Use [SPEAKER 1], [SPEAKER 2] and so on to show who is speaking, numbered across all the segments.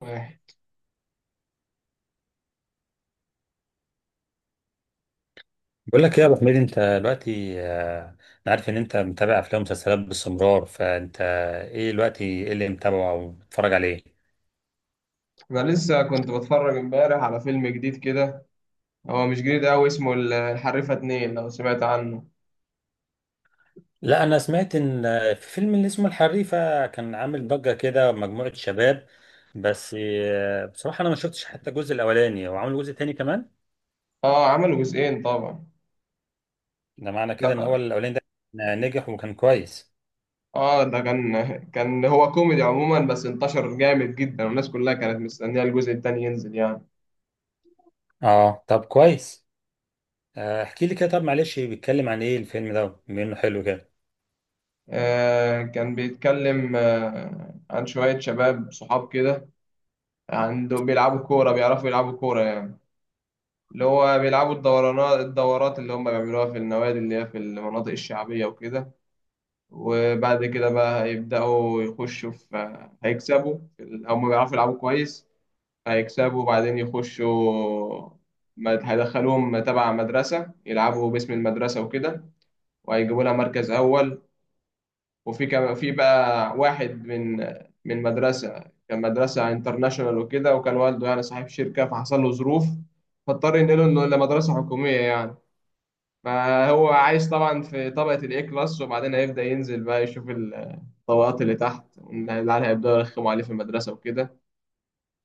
[SPEAKER 1] واحد.
[SPEAKER 2] بقول لك ايه يا ابو حميد؟ انت دلوقتي انا عارف ان انت متابع افلام ومسلسلات باستمرار، فانت ايه اللي متابعه او بتتفرج عليه؟
[SPEAKER 1] انا لسه كنت بتفرج امبارح على فيلم جديد كده. هو مش جديد قوي، اسمه الحريفه اتنين، لو سمعت عنه.
[SPEAKER 2] لا، انا سمعت ان في فيلم اللي اسمه الحريفه كان عامل ضجه كده، مجموعه شباب. بس بصراحه انا ما شفتش حتى الجزء الاولاني، وعامل جزء تاني كمان.
[SPEAKER 1] اه، عملوا جزئين طبعا.
[SPEAKER 2] ده معنى كده ان هو
[SPEAKER 1] لا.
[SPEAKER 2] الاولاني ده نجح وكان كويس.
[SPEAKER 1] اه، ده كان، كان هو كوميدي عموما، بس انتشر جامد جدا والناس كلها كانت مستنيه الجزء التاني ينزل.
[SPEAKER 2] اه طب كويس. احكي لي كده طب، معلش، بيتكلم عن ايه الفيلم ده بما انه حلو كده؟
[SPEAKER 1] آه، كان بيتكلم عن شويه شباب صحاب كده، عندهم بيلعبوا كوره، بيعرفوا يلعبوا كوره يعني. اللي هو بيلعبوا الدورانات، الدورات اللي هم بيعملوها في النوادي اللي هي في المناطق الشعبيه وكده. وبعد كده بقى هيبدأوا يخشوا في، هيكسبوا في أو ما بيعرفوا يلعبوا كويس، هيكسبوا وبعدين يخشوا. هيدخلوهم تبع مدرسة، يلعبوا باسم المدرسة وكده، وهيجيبوا لها مركز أول. وفي كم، في بقى واحد من، من مدرسة، كان مدرسة انترناشونال وكده، وكان والده يعني صاحب شركة، فحصل له ظروف فاضطر ينقله إنه لمدرسة حكومية يعني. فهو عايش طبعا في طبقة الإيه كلاس، وبعدين هيبدأ ينزل بقى يشوف طبقات اللي تحت. إن العيال هيبدأوا يرخموا عليه في المدرسة وكده،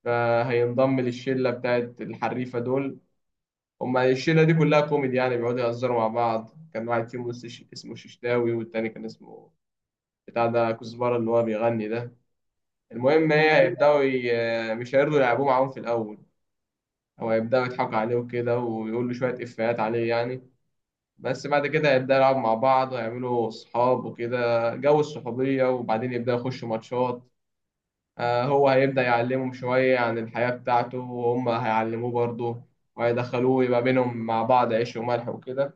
[SPEAKER 1] فهينضم للشلة بتاعت الحريفة دول. هما الشلة دي كلها كوميدي يعني، بيقعدوا يهزروا مع بعض. كان واحد فيهم اسمه ششتاوي، والتاني كان اسمه بتاع ده كزبرة اللي هو بيغني ده. المهم، هي هيبدأوا مش هيرضوا يلعبوه معاهم في الأول، هو هيبدأوا يضحكوا عليه وكده، ويقولوا شوية إفيهات عليه يعني. بس بعد كده هيبدأوا يلعبوا مع بعض، ويعملوا صحاب وكده، جو الصحوبية، وبعدين يبدأوا يخشوا ماتشات. هو هيبدأ يعلمهم شوية عن الحياة بتاعته، وهم هيعلموه برضه، وهيدخلوه يبقى بينهم، مع بعض عيش وملح وكده.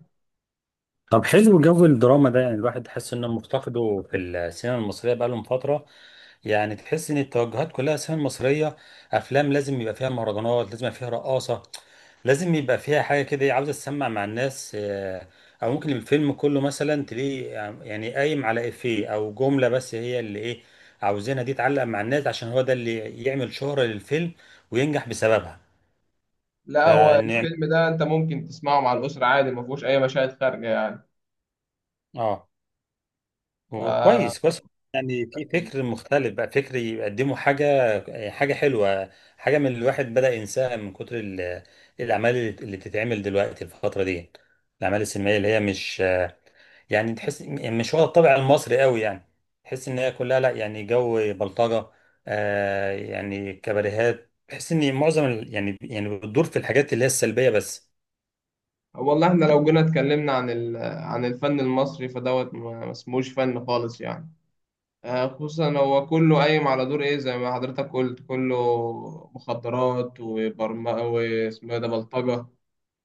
[SPEAKER 2] طب حلو جو الدراما ده، يعني الواحد تحس انه مفتقده في السينما المصريه بقالهم فتره. يعني تحس ان التوجهات كلها السينما المصريه، افلام لازم يبقى فيها مهرجانات، لازم يبقى فيها رقاصه، لازم يبقى فيها حاجه كده عاوزه تسمع مع الناس. او ممكن الفيلم كله مثلا تلاقيه يعني قايم على افيه او جمله بس هي اللي ايه عاوزينها، دي تعلق مع الناس عشان هو ده اللي يعمل شهره للفيلم وينجح بسببها.
[SPEAKER 1] لا، هو
[SPEAKER 2] فنعم.
[SPEAKER 1] الفيلم ده انت ممكن تسمعه مع الأسرة عادي، ما فيهوش أي مشاهد خارجة يعني.
[SPEAKER 2] اه.
[SPEAKER 1] ف...
[SPEAKER 2] وكويس كويس. يعني في فكر مختلف بقى، فكر يقدموا حاجة حلوة، حاجة من اللي الواحد بدأ ينساها من كتر الأعمال اللي بتتعمل دلوقتي الفترة دي، الأعمال السينمائية اللي هي مش، يعني تحس مش واخدة الطابع المصري قوي يعني. تحس إن هي كلها، لا يعني جو بلطجة، يعني كباريهات. تحس إن معظم يعني بتدور في الحاجات اللي هي السلبية بس.
[SPEAKER 1] والله احنا لو جينا اتكلمنا عن عن الفن المصري فدوت، ما اسموش فن خالص يعني. خصوصا هو كله قايم على دور ايه، زي ما حضرتك قلت، كله مخدرات وبرم واسمه إيه ده، بلطجة.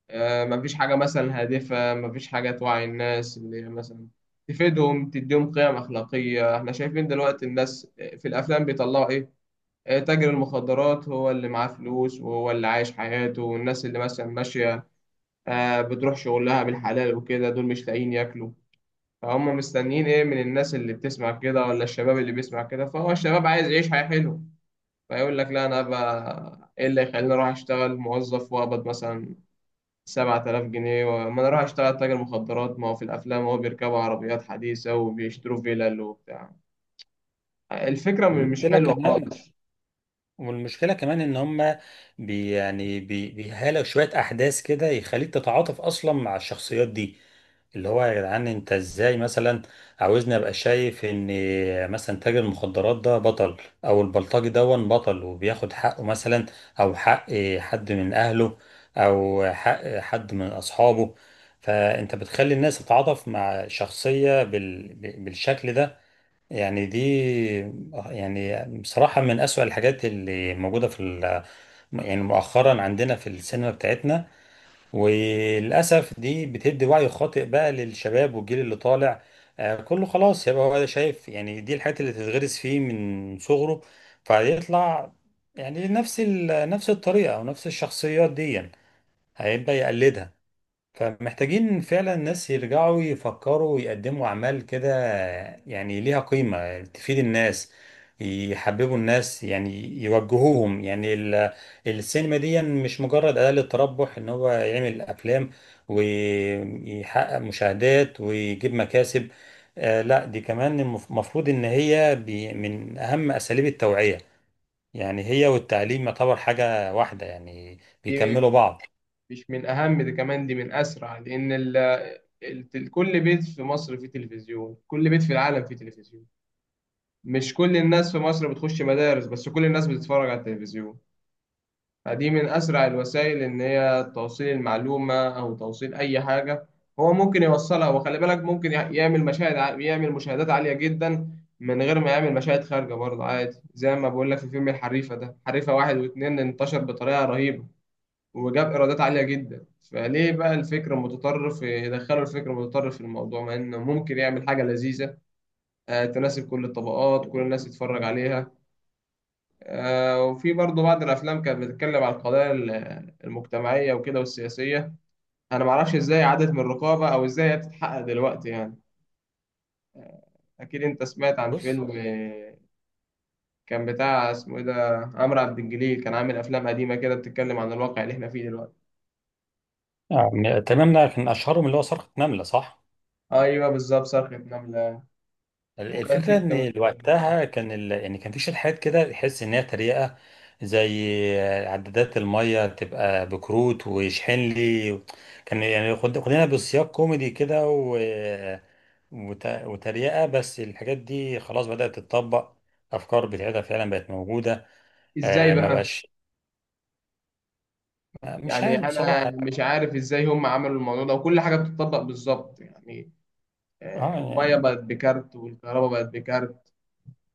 [SPEAKER 1] مفيش حاجة مثلا هادفة، مفيش حاجة توعي الناس اللي هي مثلا تفيدهم، تديهم قيم أخلاقية. احنا شايفين دلوقتي الناس في الأفلام بيطلعوا إيه؟ تاجر المخدرات هو اللي معاه فلوس، وهو اللي عايش حياته، والناس اللي مثلا ماشية، بتروح شغلها بالحلال وكده، دول مش لاقيين ياكلوا. فهم مستنيين إيه من الناس اللي بتسمع كده، ولا الشباب اللي بيسمع كده؟ فهو الشباب عايز يعيش حياة حلوة، فيقول لك لا، أنا بقى إيه اللي يخليني أروح أشتغل موظف وأقبض مثلا 7000 جنيه؟ ما انا اروح اشتغل تاجر مخدرات، ما هو في الافلام هو بيركبوا عربيات حديثة وبيشتروا فيلل وبتاع. الفكرة مش
[SPEAKER 2] والمشكلة
[SPEAKER 1] حلوة
[SPEAKER 2] كمان
[SPEAKER 1] خالص.
[SPEAKER 2] والمشكلة كمان ان هم بي يعني بي بيهالوا شوية احداث كده يخليك تتعاطف اصلا مع الشخصيات دي، اللي هو يا جدعان انت ازاي مثلا عاوزني ابقى شايف ان مثلا تاجر المخدرات ده بطل، او البلطجي دون بطل وبياخد حقه مثلا، او حق حد من اهله، او حق حد من اصحابه؟ فانت بتخلي الناس تتعاطف مع شخصية بالشكل ده. يعني دي، يعني بصراحة من أسوأ الحاجات اللي موجودة في يعني مؤخرا عندنا في السينما بتاعتنا. وللأسف دي بتدي وعي خاطئ بقى للشباب والجيل اللي طالع. كله خلاص يبقى هو شايف، يعني دي الحاجات اللي تتغرس فيه من صغره، فهيطلع يعني نفس نفس الطريقة أو نفس الشخصيات دي هيبقى يقلدها. فمحتاجين فعلا ناس يرجعوا يفكروا ويقدموا أعمال كده يعني ليها قيمة، تفيد الناس، يحببوا الناس يعني، يوجهوهم. يعني السينما دي مش مجرد أداة للتربح، إن هو يعمل أفلام ويحقق مشاهدات ويجيب مكاسب. آه لا، دي كمان المفروض إن هي من أهم أساليب التوعية. يعني هي والتعليم يعتبر حاجة واحدة يعني،
[SPEAKER 1] دي من-
[SPEAKER 2] بيكملوا بعض.
[SPEAKER 1] مش من اهم، دي كمان دي من اسرع، لان كل بيت في مصر فيه تلفزيون، كل بيت في العالم فيه تلفزيون. مش كل الناس في مصر بتخش مدارس، بس كل الناس بتتفرج على التلفزيون. دي من أسرع الوسائل إن هي توصيل المعلومة أو توصيل أي حاجة، هو ممكن يوصلها. وخلي بالك ممكن يعمل يعمل مشاهدات عالية جدا من غير ما يعمل مشاهد خارجة برضه عادي. زي ما بقول لك، في فيلم الحريفة ده، حريفة واحد واتنين، انتشر بطريقة رهيبة وجاب إيرادات عالية جدا. فليه بقى الفكر المتطرف، يدخلوا الفكر المتطرف في الموضوع، مع إنه ممكن يعمل حاجة لذيذة، تناسب كل الطبقات، كل الناس تتفرج عليها. وفي برضه بعض الافلام كانت بتتكلم عن القضايا المجتمعيه وكده والسياسيه. انا ما اعرفش ازاي عادت من الرقابه، او ازاي هي بتتحقق دلوقتي يعني. اكيد انت سمعت عن
[SPEAKER 2] بص،
[SPEAKER 1] فيلم، كان بتاع اسمه ايه ده، عمرو عبد الجليل، كان عامل افلام قديمه كده بتتكلم عن الواقع اللي احنا فيه دلوقتي.
[SPEAKER 2] يعني تمام، ده كان اشهرهم اللي هو صرخة نملة، صح؟
[SPEAKER 1] ايوه بالظبط، صرخة نملة. وكان في
[SPEAKER 2] الفكرة
[SPEAKER 1] كمان
[SPEAKER 2] ان
[SPEAKER 1] فيلم.
[SPEAKER 2] وقتها كان يعني كان في شركات كده تحس ان هي تريقة، زي عدادات المية تبقى بكروت واشحن لي. كان يعني خدنا بسياق كوميدي كده وتريقة، بس الحاجات دي خلاص بدأت تتطبق، افكار بتاعتها فعلا بقت موجودة.
[SPEAKER 1] ازاي
[SPEAKER 2] آه ما
[SPEAKER 1] بقى؟
[SPEAKER 2] بقاش. مش
[SPEAKER 1] يعني
[SPEAKER 2] عارف
[SPEAKER 1] انا
[SPEAKER 2] بصراحة.
[SPEAKER 1] مش عارف ازاي هم عملوا الموضوع ده، وكل حاجه بتطبق بالظبط يعني.
[SPEAKER 2] اه.
[SPEAKER 1] الميه
[SPEAKER 2] يعني
[SPEAKER 1] بقت بكارت والكهرباء بقت بكارت.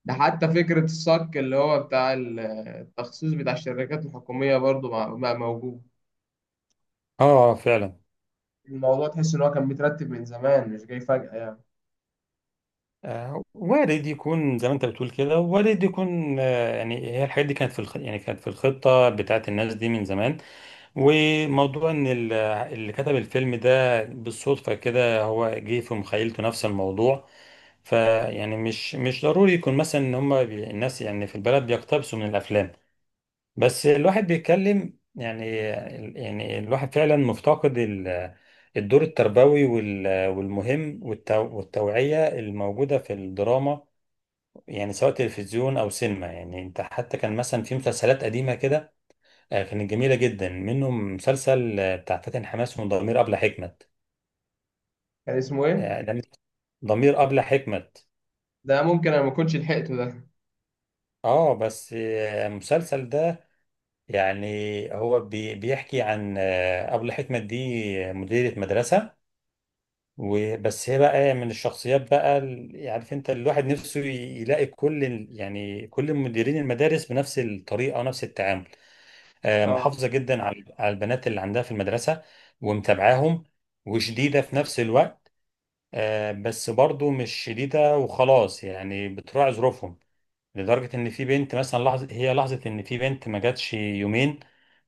[SPEAKER 1] ده حتى فكرة الصك اللي هو بتاع التخصيص بتاع الشركات الحكومية، برضو بقى، موجود.
[SPEAKER 2] اه فعلا.
[SPEAKER 1] الموضوع تحس إن هو كان مترتب من زمان، مش جاي فجأة يعني.
[SPEAKER 2] وارد يكون زي ما انت بتقول كده، وارد يكون، يعني هي الحاجات دي كانت في يعني كانت في الخطة بتاعت الناس دي من زمان. وموضوع ان اللي كتب الفيلم ده بالصدفة كده هو جه في مخيلته نفس الموضوع. فيعني مش ضروري يكون مثلا ان هم الناس يعني في البلد بيقتبسوا من الافلام، بس الواحد بيتكلم يعني. يعني الواحد فعلا مفتقد الدور التربوي والمهم والتوعية الموجودة في الدراما، يعني سواء تلفزيون أو سينما. يعني أنت حتى كان مثلا في مسلسلات قديمة كده كانت جميلة جدا، منهم مسلسل بتاع فاتن حماس، وضمير أبلة حكمت.
[SPEAKER 1] كان اسمه إيه؟
[SPEAKER 2] ده ضمير أبلة حكمت.
[SPEAKER 1] ده ممكن أنا ما كنتش لحقته ده.
[SPEAKER 2] اه بس المسلسل ده يعني هو بيحكي عن أبلة حكمت دي مديرة مدرسة. وبس هي بقى من الشخصيات بقى عارف انت، الواحد نفسه يلاقي كل يعني كل مديرين المدارس بنفس الطريقه ونفس التعامل.
[SPEAKER 1] آه.
[SPEAKER 2] محافظه جدا على على البنات اللي عندها في المدرسه، ومتابعاهم، وشديده في نفس الوقت. بس برضو مش شديده وخلاص يعني، بتراعي ظروفهم. لدرجه ان في بنت مثلا لحظه، هي لحظه ان في بنت ما جاتش يومين،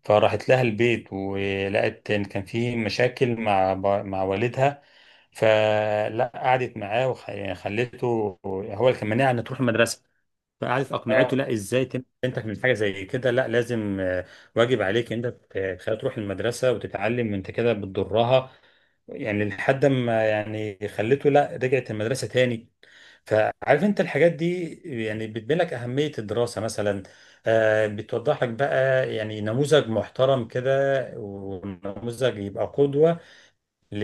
[SPEAKER 2] فراحت لها البيت، ولقت ان كان في مشاكل مع مع والدها. فلا قعدت معاه وخليته، هو اللي كان مانعها ان تروح المدرسه، فقعدت
[SPEAKER 1] آه.
[SPEAKER 2] اقنعته لا ازاي انت من حاجه زي كده، لا لازم، واجب عليك انت تخليها تروح المدرسه وتتعلم، انت كده بتضرها. يعني لحد ما يعني خليته، لا، رجعت المدرسه تاني. فعارف انت الحاجات دي يعني بتبين لك اهميه الدراسه مثلا، بتوضح لك بقى يعني نموذج محترم كده، ونموذج يبقى قدوه ل-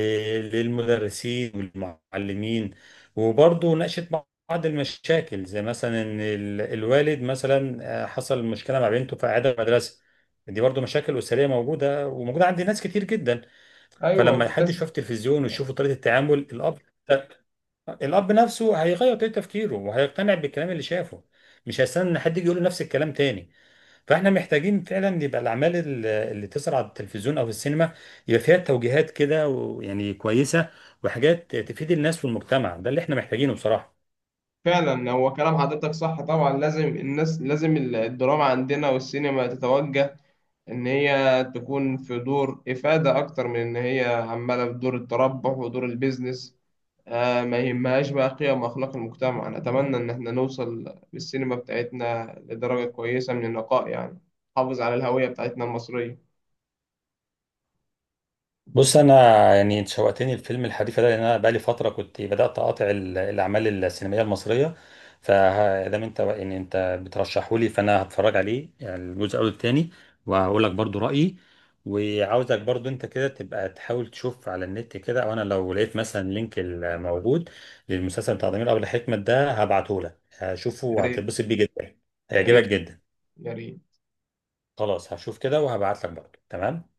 [SPEAKER 2] للمدرسين والمعلمين. وبرضه ناقشت بعض المشاكل زي مثلا ان الوالد مثلا حصل مشكله مع بنته في اعاده مدرسه. دي برضه مشاكل اسريه موجوده، وموجوده عند ناس كتير جدا.
[SPEAKER 1] أيوه،
[SPEAKER 2] فلما
[SPEAKER 1] في
[SPEAKER 2] حد
[SPEAKER 1] ناس.
[SPEAKER 2] يشوف تلفزيون ويشوف طريقه التعامل الاب، نفسه هيغير طريقه تفكيره وهيقتنع بالكلام اللي شافه، مش هيستنى ان حد يجي يقول له نفس الكلام تاني. فاحنا محتاجين فعلا يبقى الاعمال اللي تظهر على التلفزيون او في السينما يبقى فيها توجيهات كده ويعني كويسه، وحاجات تفيد الناس والمجتمع، ده اللي احنا محتاجينه بصراحه.
[SPEAKER 1] فعلا، هو كلام حضرتك صح طبعا. لازم الناس، لازم الدراما عندنا والسينما تتوجه إن هي تكون في دور إفادة أكتر من إن هي عمالة في دور التربح ودور البيزنس، آه، ما يهمهاش بقى قيم وأخلاق المجتمع. أنا أتمنى إن إحنا نوصل بالسينما بتاعتنا لدرجة كويسة من النقاء يعني، نحافظ على الهوية بتاعتنا المصرية.
[SPEAKER 2] بص انا، يعني انت شوقتني الفيلم الحديثة ده، لان انا بقالي فتره كنت بدات اقاطع الاعمال السينمائيه المصريه. فدام انت يعني انت بترشحه لي فانا هتفرج عليه، يعني الجزء الاول والتاني، وهقول لك برضو رايي. وعاوزك برضو انت كده تبقى تحاول تشوف على النت كده، او انا لو لقيت مثلا لينك الموجود للمسلسل بتاع ضمير ابو حكمه ده هبعته لك، هشوفه
[SPEAKER 1] يا ريت.
[SPEAKER 2] وهتتبسط بيه جدا،
[SPEAKER 1] يا
[SPEAKER 2] هيعجبك
[SPEAKER 1] ريت.
[SPEAKER 2] جدا.
[SPEAKER 1] يا ريت.
[SPEAKER 2] خلاص هشوف كده وهبعت لك برضو، تمام.